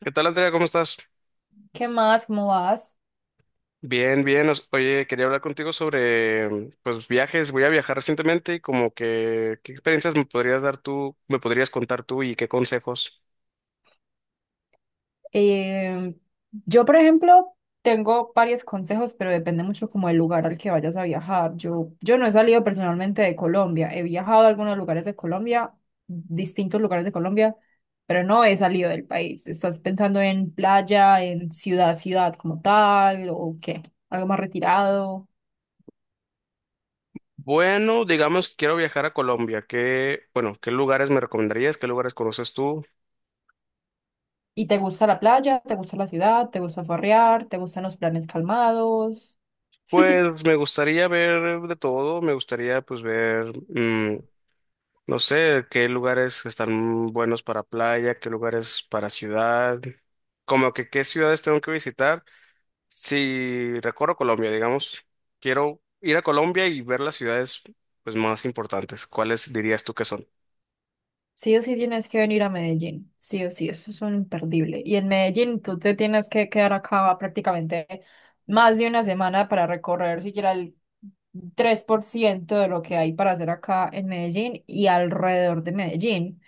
¿Qué tal, Andrea? ¿Cómo estás? ¿Qué más? ¿Cómo vas? Bien, bien. Oye, quería hablar contigo sobre, pues, viajes. Voy a viajar recientemente y como que, ¿qué experiencias me podrías dar tú, me podrías contar tú y qué consejos? Eh, yo, por ejemplo, tengo varios consejos, pero depende mucho como del lugar al que vayas a viajar. Yo no he salido personalmente de Colombia. He viajado a algunos lugares de Colombia, distintos lugares de Colombia, pero no he salido del país. ¿Estás pensando en playa, en ciudad, ciudad como tal, o qué? ¿Algo más retirado? Bueno, digamos que quiero viajar a Colombia. ¿Qué, bueno, qué lugares me recomendarías? ¿Qué lugares conoces tú? ¿Y te gusta la playa? ¿Te gusta la ciudad? ¿Te gusta farrear? ¿Te gustan los planes calmados? Pues me gustaría ver de todo. Me gustaría, pues, ver, mm, no sé, qué lugares están buenos para playa, qué lugares para ciudad. Como que qué ciudades tengo que visitar. Si recorro Colombia, digamos, quiero ir a Colombia y ver las ciudades pues más importantes. ¿Cuáles dirías tú que son? Sí o sí tienes que venir a Medellín, sí o sí, eso es un imperdible. Y en Medellín tú te tienes que quedar acá prácticamente más de una semana para recorrer siquiera el 3% de lo que hay para hacer acá en Medellín y alrededor de Medellín.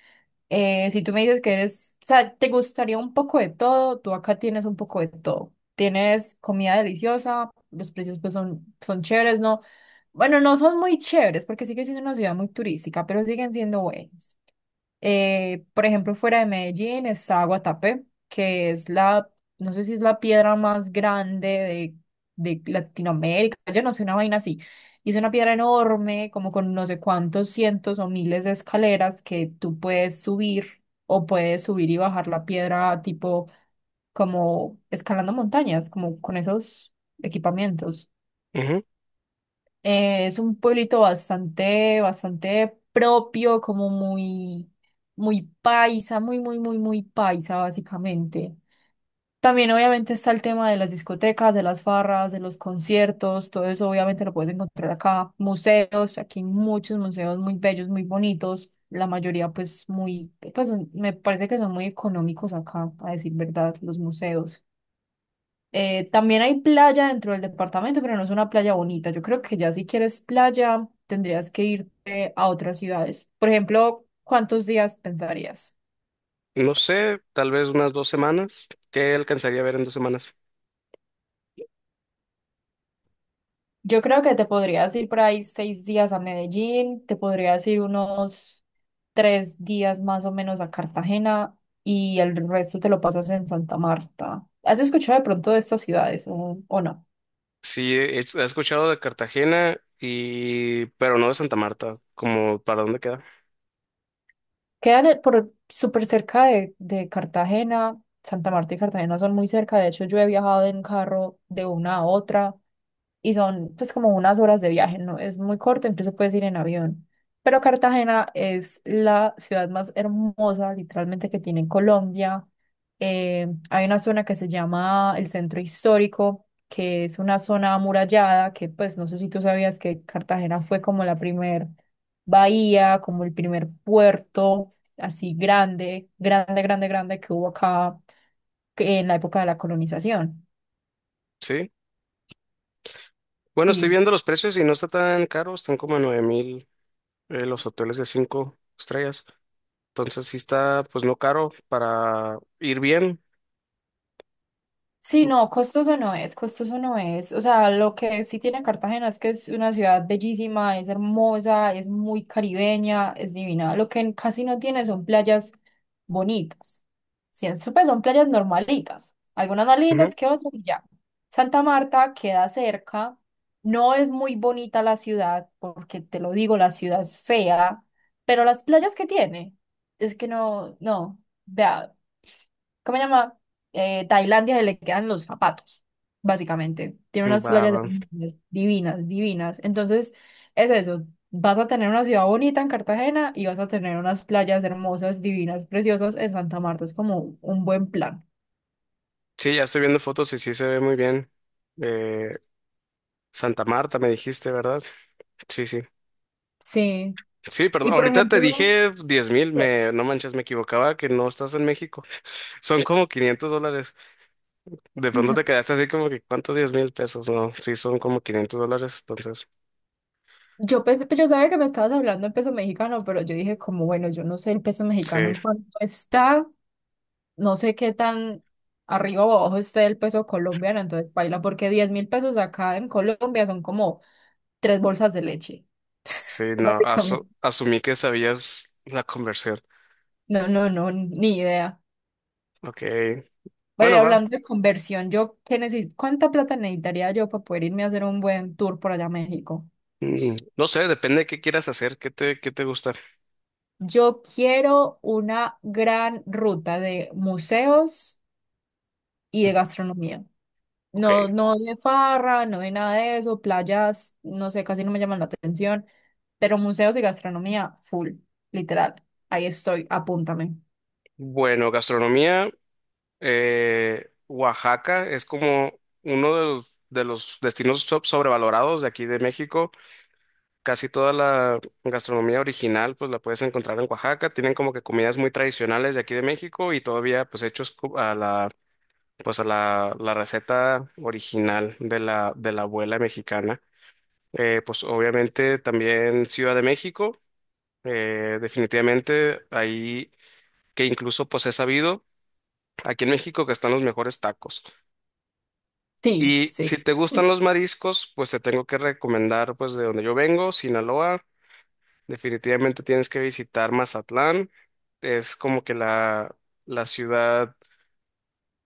Si tú me dices que eres, o sea, te gustaría un poco de todo, tú acá tienes un poco de todo. Tienes comida deliciosa, los precios pues son, chéveres, ¿no? Bueno, no son muy chéveres porque sigue siendo una ciudad muy turística, pero siguen siendo buenos. Por ejemplo, fuera de Medellín está Guatapé, que es la, no sé si es la piedra más grande de Latinoamérica, yo no sé, una vaina así. Y es una piedra enorme, como con no sé cuántos cientos o miles de escaleras que tú puedes subir o puedes subir y bajar la piedra tipo como escalando montañas, como con esos equipamientos. Ujú. Es un pueblito bastante, bastante propio, como muy, muy paisa, muy, muy, muy, muy paisa, básicamente. También obviamente está el tema de las discotecas, de las farras, de los conciertos, todo eso obviamente lo puedes encontrar acá. Museos, aquí hay muchos museos muy bellos, muy bonitos, la mayoría pues muy, pues me parece que son muy económicos acá, a decir verdad, los museos. También hay playa dentro del departamento, pero no es una playa bonita. Yo creo que ya si quieres playa, tendrías que irte a otras ciudades. Por ejemplo, ¿cuántos días pensarías? No sé, tal vez unas 2 semanas. ¿Qué alcanzaría a ver en 2 semanas? Yo creo que te podrías ir por ahí 6 días a Medellín, te podrías ir unos 3 días más o menos a Cartagena y el resto te lo pasas en Santa Marta. ¿Has escuchado de pronto de estas ciudades o no? Sí, he escuchado de Cartagena y pero no de Santa Marta, como para dónde queda. Quedan por súper cerca de Cartagena. Santa Marta y Cartagena son muy cerca. De hecho, yo he viajado en carro de una a otra y son pues como unas horas de viaje, no es muy corto, incluso puedes ir en avión. Pero Cartagena es la ciudad más hermosa, literalmente, que tiene en Colombia. Hay una zona que se llama el Centro Histórico, que es una zona amurallada, que pues no sé si tú sabías que Cartagena fue como la primer bahía, como el primer puerto así grande, grande, grande, grande que hubo acá en la época de la colonización. Sí. Bueno, estoy Sí, viendo los precios y no está tan caro, están como a 9.000, los hoteles de cinco estrellas. Entonces sí está pues no caro para ir bien. sí, no, costoso no es, costoso no es. O sea, lo que sí tiene Cartagena es que es una ciudad bellísima, es hermosa, es muy caribeña, es divina. Lo que casi no tiene son playas bonitas. Sí, pues son playas normalitas, algunas más Ujú. lindas que otras y ya. Santa Marta queda cerca, no es muy bonita la ciudad, porque te lo digo, la ciudad es fea, pero las playas que tiene, es que no, no. Vea, ¿cómo se llama? Tailandia se le quedan los zapatos, básicamente. Tiene unas Va, playas va. Divinas, divinas. Entonces, es eso. Vas a tener una ciudad bonita en Cartagena y vas a tener unas playas hermosas, divinas, preciosas en Santa Marta. Es como un buen plan. Sí, ya estoy viendo fotos y sí se ve muy bien. Eh, Santa Marta me dijiste, ¿verdad? Sí, sí. Sí. Sí, perdón, Y por ahorita te ejemplo, dije 10.000, que- no manches, me equivocaba que no estás en México. Son como $500. De pronto te quedaste así como que, ¿cuántos $10.000? No, sí, son como $500, entonces, yo pensé, pues, yo sabía que me estabas hablando en peso mexicano, pero yo dije como, bueno, yo no sé el peso mexicano sí, en cuánto está. No sé qué tan arriba o abajo esté el peso colombiano, entonces paila, porque 10.000 pesos acá en Colombia son como tres bolsas de leche, sí, no, básicamente. Asumí que sabías la conversión. No, no, no, ni idea. Ok, Pero y bueno, va. hablando de conversión, yo qué necesito, ¿cuánta plata necesitaría yo para poder irme a hacer un buen tour por allá a México? No sé, depende de qué quieras hacer, qué te gusta. Yo quiero una gran ruta de museos y de gastronomía. Ok, No, no de farra, no de nada de eso, playas, no sé, casi no me llaman la atención, pero museos y gastronomía, full, literal. Ahí estoy, apúntame. bueno, gastronomía, Oaxaca es como uno de los destinos sobrevalorados de aquí de México. Casi toda la gastronomía original pues la puedes encontrar en Oaxaca. Tienen como que comidas muy tradicionales de aquí de México y todavía pues hechos a la receta original de la abuela mexicana. Pues obviamente también Ciudad de México, definitivamente ahí que incluso pues he sabido aquí en México que están los mejores tacos. Sí, Y si sí, te gustan los mariscos, pues te tengo que recomendar pues de donde yo vengo, Sinaloa. Definitivamente tienes que visitar Mazatlán. Es como que la ciudad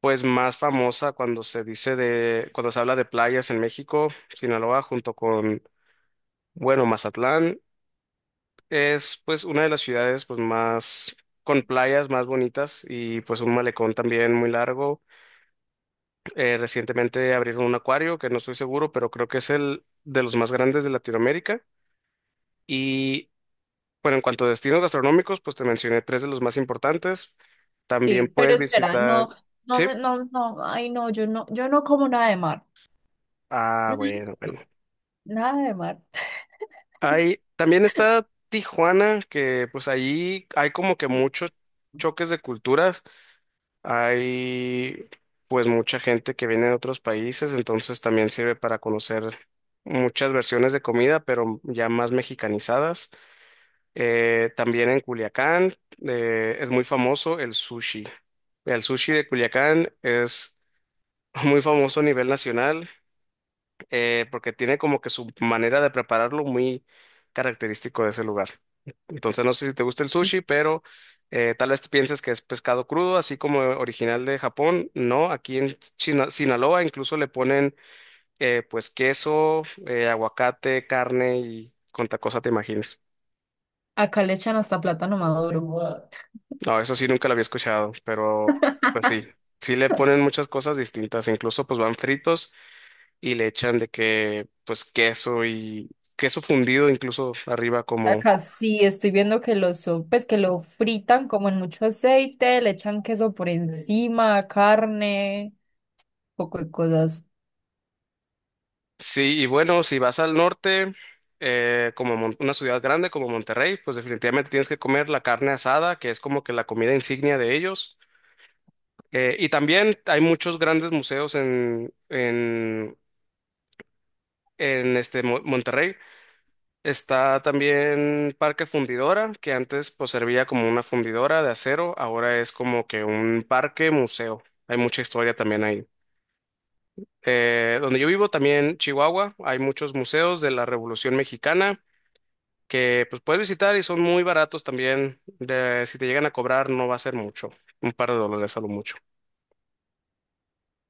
pues más famosa cuando se dice cuando se habla de playas en México, Sinaloa, junto con, bueno, Mazatlán, es pues una de las ciudades pues más con playas más bonitas y pues un malecón también muy largo. Recientemente abrieron un acuario que no estoy seguro, pero creo que es el de los más grandes de Latinoamérica. Y bueno, en cuanto a destinos gastronómicos, pues te mencioné tres de los más importantes. También sí, puedes pero espera, visitar, no, no, ¿sí? No, no, ay no, yo no como nada de mar. Ah, Mm. bueno, bueno. Nada de mar. Hay, también está Tijuana, que pues ahí hay como que muchos choques de culturas. Hay pues mucha gente que viene de otros países, entonces también sirve para conocer muchas versiones de comida, pero ya más mexicanizadas. También en Culiacán, es muy famoso el sushi. El sushi de Culiacán es muy famoso a nivel nacional, porque tiene como que su manera de prepararlo muy característico de ese lugar. Entonces no sé si te gusta el sushi, pero tal vez pienses que es pescado crudo, así como original de Japón. No, aquí en Sinaloa incluso le ponen, pues queso, aguacate, carne y cuánta cosa te imagines. Acá le echan hasta plátano maduro. What? No, eso sí nunca lo había escuchado, pero pues sí, sí le ponen muchas cosas distintas, incluso pues van fritos y le echan de que pues queso y queso fundido incluso arriba como Acá sí, estoy viendo pues que lo fritan como en mucho aceite, le echan queso por, sí, encima, carne, poco de cosas. sí, y bueno, si vas al norte, como una ciudad grande como Monterrey, pues definitivamente tienes que comer la carne asada, que es como que la comida insignia de ellos. Y también hay muchos grandes museos en, en este Monterrey. Está también Parque Fundidora, que antes pues servía como una fundidora de acero, ahora es como que un parque museo. Hay mucha historia también ahí. Donde yo vivo también, Chihuahua, hay muchos museos de la Revolución Mexicana que pues puedes visitar y son muy baratos también. Si te llegan a cobrar no va a ser mucho, un par de dólares a lo mucho.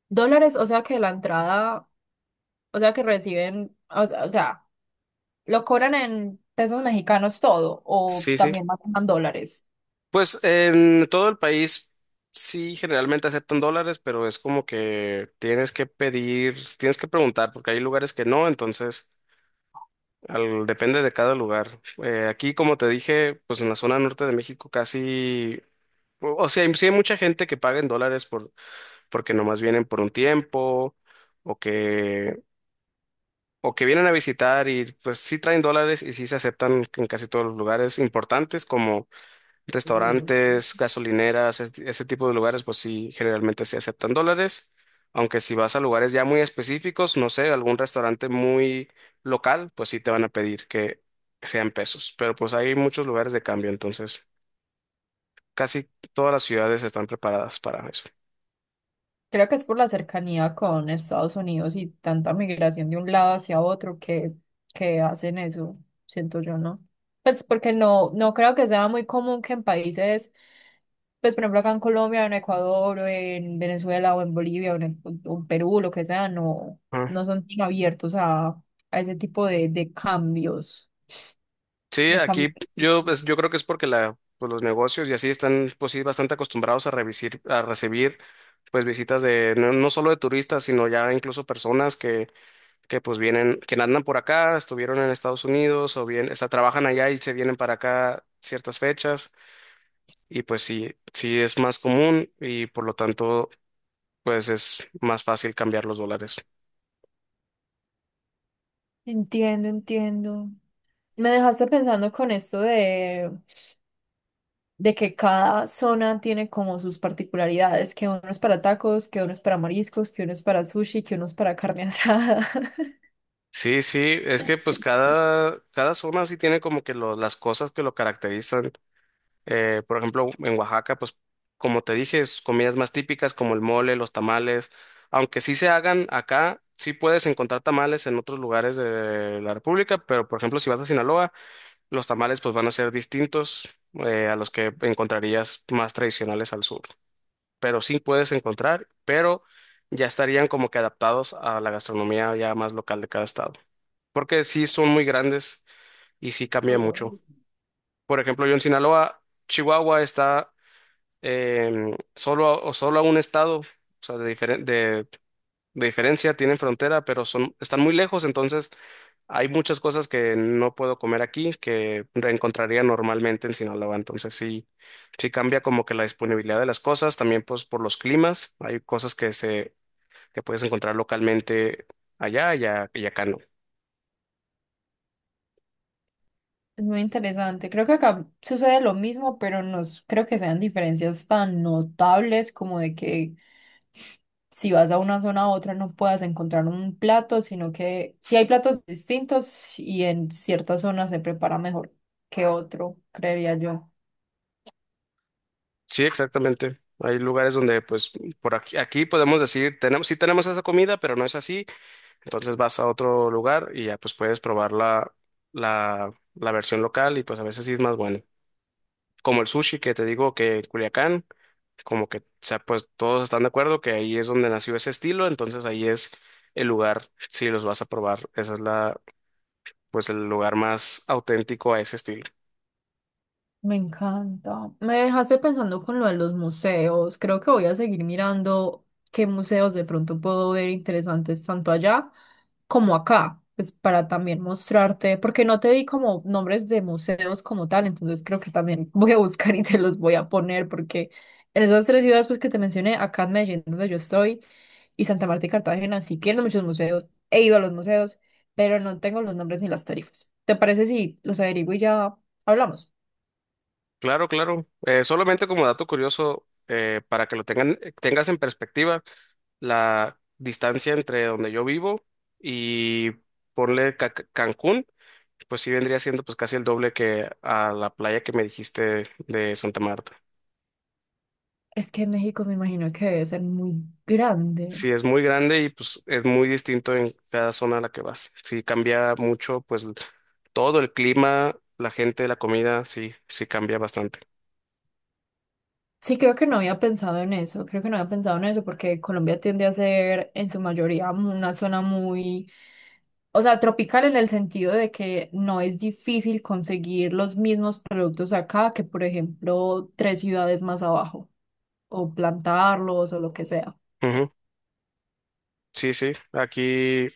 Dólares, o sea que la entrada, o sea que reciben, o sea, lo cobran en pesos mexicanos todo, o Sí, sí. también manejan dólares. Pues en todo el país sí generalmente aceptan dólares, pero es como que tienes que pedir, tienes que preguntar, porque hay lugares que no, entonces depende de cada lugar. Aquí, como te dije, pues en la zona norte de México casi, o sea, sí hay mucha gente que paga en dólares por, porque nomás vienen por un tiempo o que, o que vienen a visitar y pues sí traen dólares y sí se aceptan en casi todos los lugares importantes como restaurantes, gasolineras, ese tipo de lugares, pues sí, generalmente se aceptan dólares, aunque si vas a lugares ya muy específicos, no sé, algún restaurante muy local, pues sí te van a pedir que sean pesos, pero pues hay muchos lugares de cambio, entonces casi todas las ciudades están preparadas para eso. Creo que es por la cercanía con Estados Unidos y tanta migración de un lado hacia otro que hacen eso, siento yo, ¿no? Pues porque no, no creo que sea muy común que en países, pues por ejemplo acá en Colombia, en Ecuador, o en Venezuela, o en Bolivia, o en Perú, lo que sea, no, Ah. no son tan abiertos a ese tipo de, cambios, Sí, de cambios. aquí yo, pues, yo creo que es porque la, pues, los negocios y así están, pues sí, bastante acostumbrados a a recibir pues visitas de no, no solo de turistas, sino ya incluso personas que pues vienen, que andan por acá, estuvieron en Estados Unidos o bien, está, trabajan allá y se vienen para acá ciertas fechas y pues sí, sí es más común y por lo tanto pues es más fácil cambiar los dólares. Entiendo, entiendo. Me dejaste pensando con esto de que cada zona tiene como sus particularidades, que uno es para tacos, que uno es para mariscos, que uno es para sushi, que uno es para carne asada. Sí, sí, es que pues cada zona sí tiene como que las cosas que lo caracterizan. Por ejemplo, en Oaxaca, pues como te dije, es comidas más típicas como el mole, los tamales, aunque sí se hagan acá, sí puedes encontrar tamales en otros lugares de la República, pero por ejemplo, si vas a Sinaloa, los tamales pues van a ser distintos, a los que encontrarías más tradicionales al sur, pero sí puedes encontrar, pero ya estarían como que adaptados a la gastronomía ya más local de cada estado, porque sí son muy grandes y sí cambia mucho. Por ejemplo, yo en Sinaloa, Chihuahua está, solo, o solo a un estado, o sea, de, de diferencia, tienen frontera, pero son, están muy lejos, entonces hay muchas cosas que no puedo comer aquí que encontraría normalmente en Sinaloa, entonces sí, sí cambia como que la disponibilidad de las cosas, también pues por los climas, hay cosas que se, que puedes encontrar localmente allá y, y acá no. Es muy interesante. Creo que acá sucede lo mismo, pero no s- creo que sean diferencias tan notables como de que si vas a una zona a otra no puedas encontrar un plato, sino que sí hay platos distintos y en ciertas zonas se prepara mejor que otro, creería yo. Sí, exactamente. Hay lugares donde, pues, por aquí, aquí podemos decir, tenemos, sí tenemos esa comida, pero no es así. Entonces vas a otro lugar y ya pues puedes probar la, la versión local y pues a veces sí es más bueno. Como el sushi que te digo que en Culiacán, como que, o sea, pues todos están de acuerdo que ahí es donde nació ese estilo, entonces ahí es el lugar si los vas a probar. Esa es la, pues el lugar más auténtico a ese estilo. Me encanta. Me dejaste pensando con lo de los museos. Creo que voy a seguir mirando qué museos de pronto puedo ver interesantes tanto allá como acá, pues para también mostrarte, porque no te di como nombres de museos como tal, entonces creo que también voy a buscar y te los voy a poner porque en esas tres ciudades pues que te mencioné, acá en Medellín donde yo estoy y Santa Marta y Cartagena, sí tienen muchos museos. He ido a los museos, pero no tengo los nombres ni las tarifas. ¿Te parece si los averiguo y ya hablamos? Claro, claro. Solamente como dato curioso, para que lo tengan, tengas en perspectiva, la distancia entre donde yo vivo y ponle Cancún. Pues sí vendría siendo pues casi el doble que a la playa que me dijiste de Santa Marta. Es que en México me imagino que debe ser muy grande. Sí, es muy grande y pues es muy distinto en cada zona a la que vas. Sí, cambia mucho pues todo el clima, la gente, la comida, sí, sí cambia bastante. Sí, creo que no había pensado en eso, creo que no había pensado en eso porque Colombia tiende a ser en su mayoría una zona muy, o sea, tropical en el sentido de que no es difícil conseguir los mismos productos acá que, por ejemplo, tres ciudades más abajo o plantarlos o lo que sea. Ujú. Sí, sí, aquí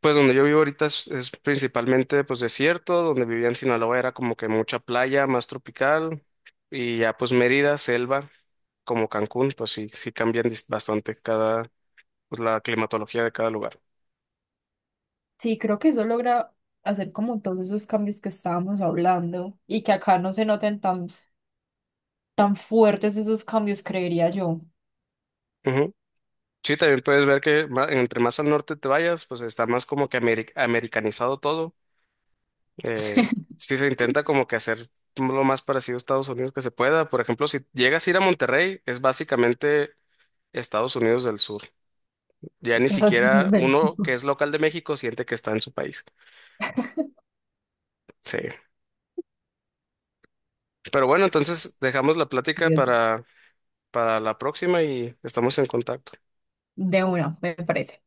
pues donde yo vivo ahorita es, principalmente pues desierto, donde vivía en Sinaloa era como que mucha playa, más tropical y ya pues Mérida, selva, como Cancún, pues sí, sí cambian bastante. Cada, pues, la climatología de cada lugar. Sí, creo que eso logra hacer como todos esos cambios que estábamos hablando y que acá no se noten tan fuertes esos cambios, creería yo. Ujú. Sí, también puedes ver que entre más al norte te vayas, pues está más como que americanizado todo. Eh, sí se intenta como que hacer lo más parecido a Estados Unidos que se pueda. Por ejemplo, si llegas a ir a Monterrey, es básicamente Estados Unidos del Sur. Ya ni Estados siquiera Unidos, uno que Bélgica. es local de México siente que está en su país. Sí. Pero bueno, entonces dejamos la plática para, la próxima y estamos en contacto. De uno, me parece.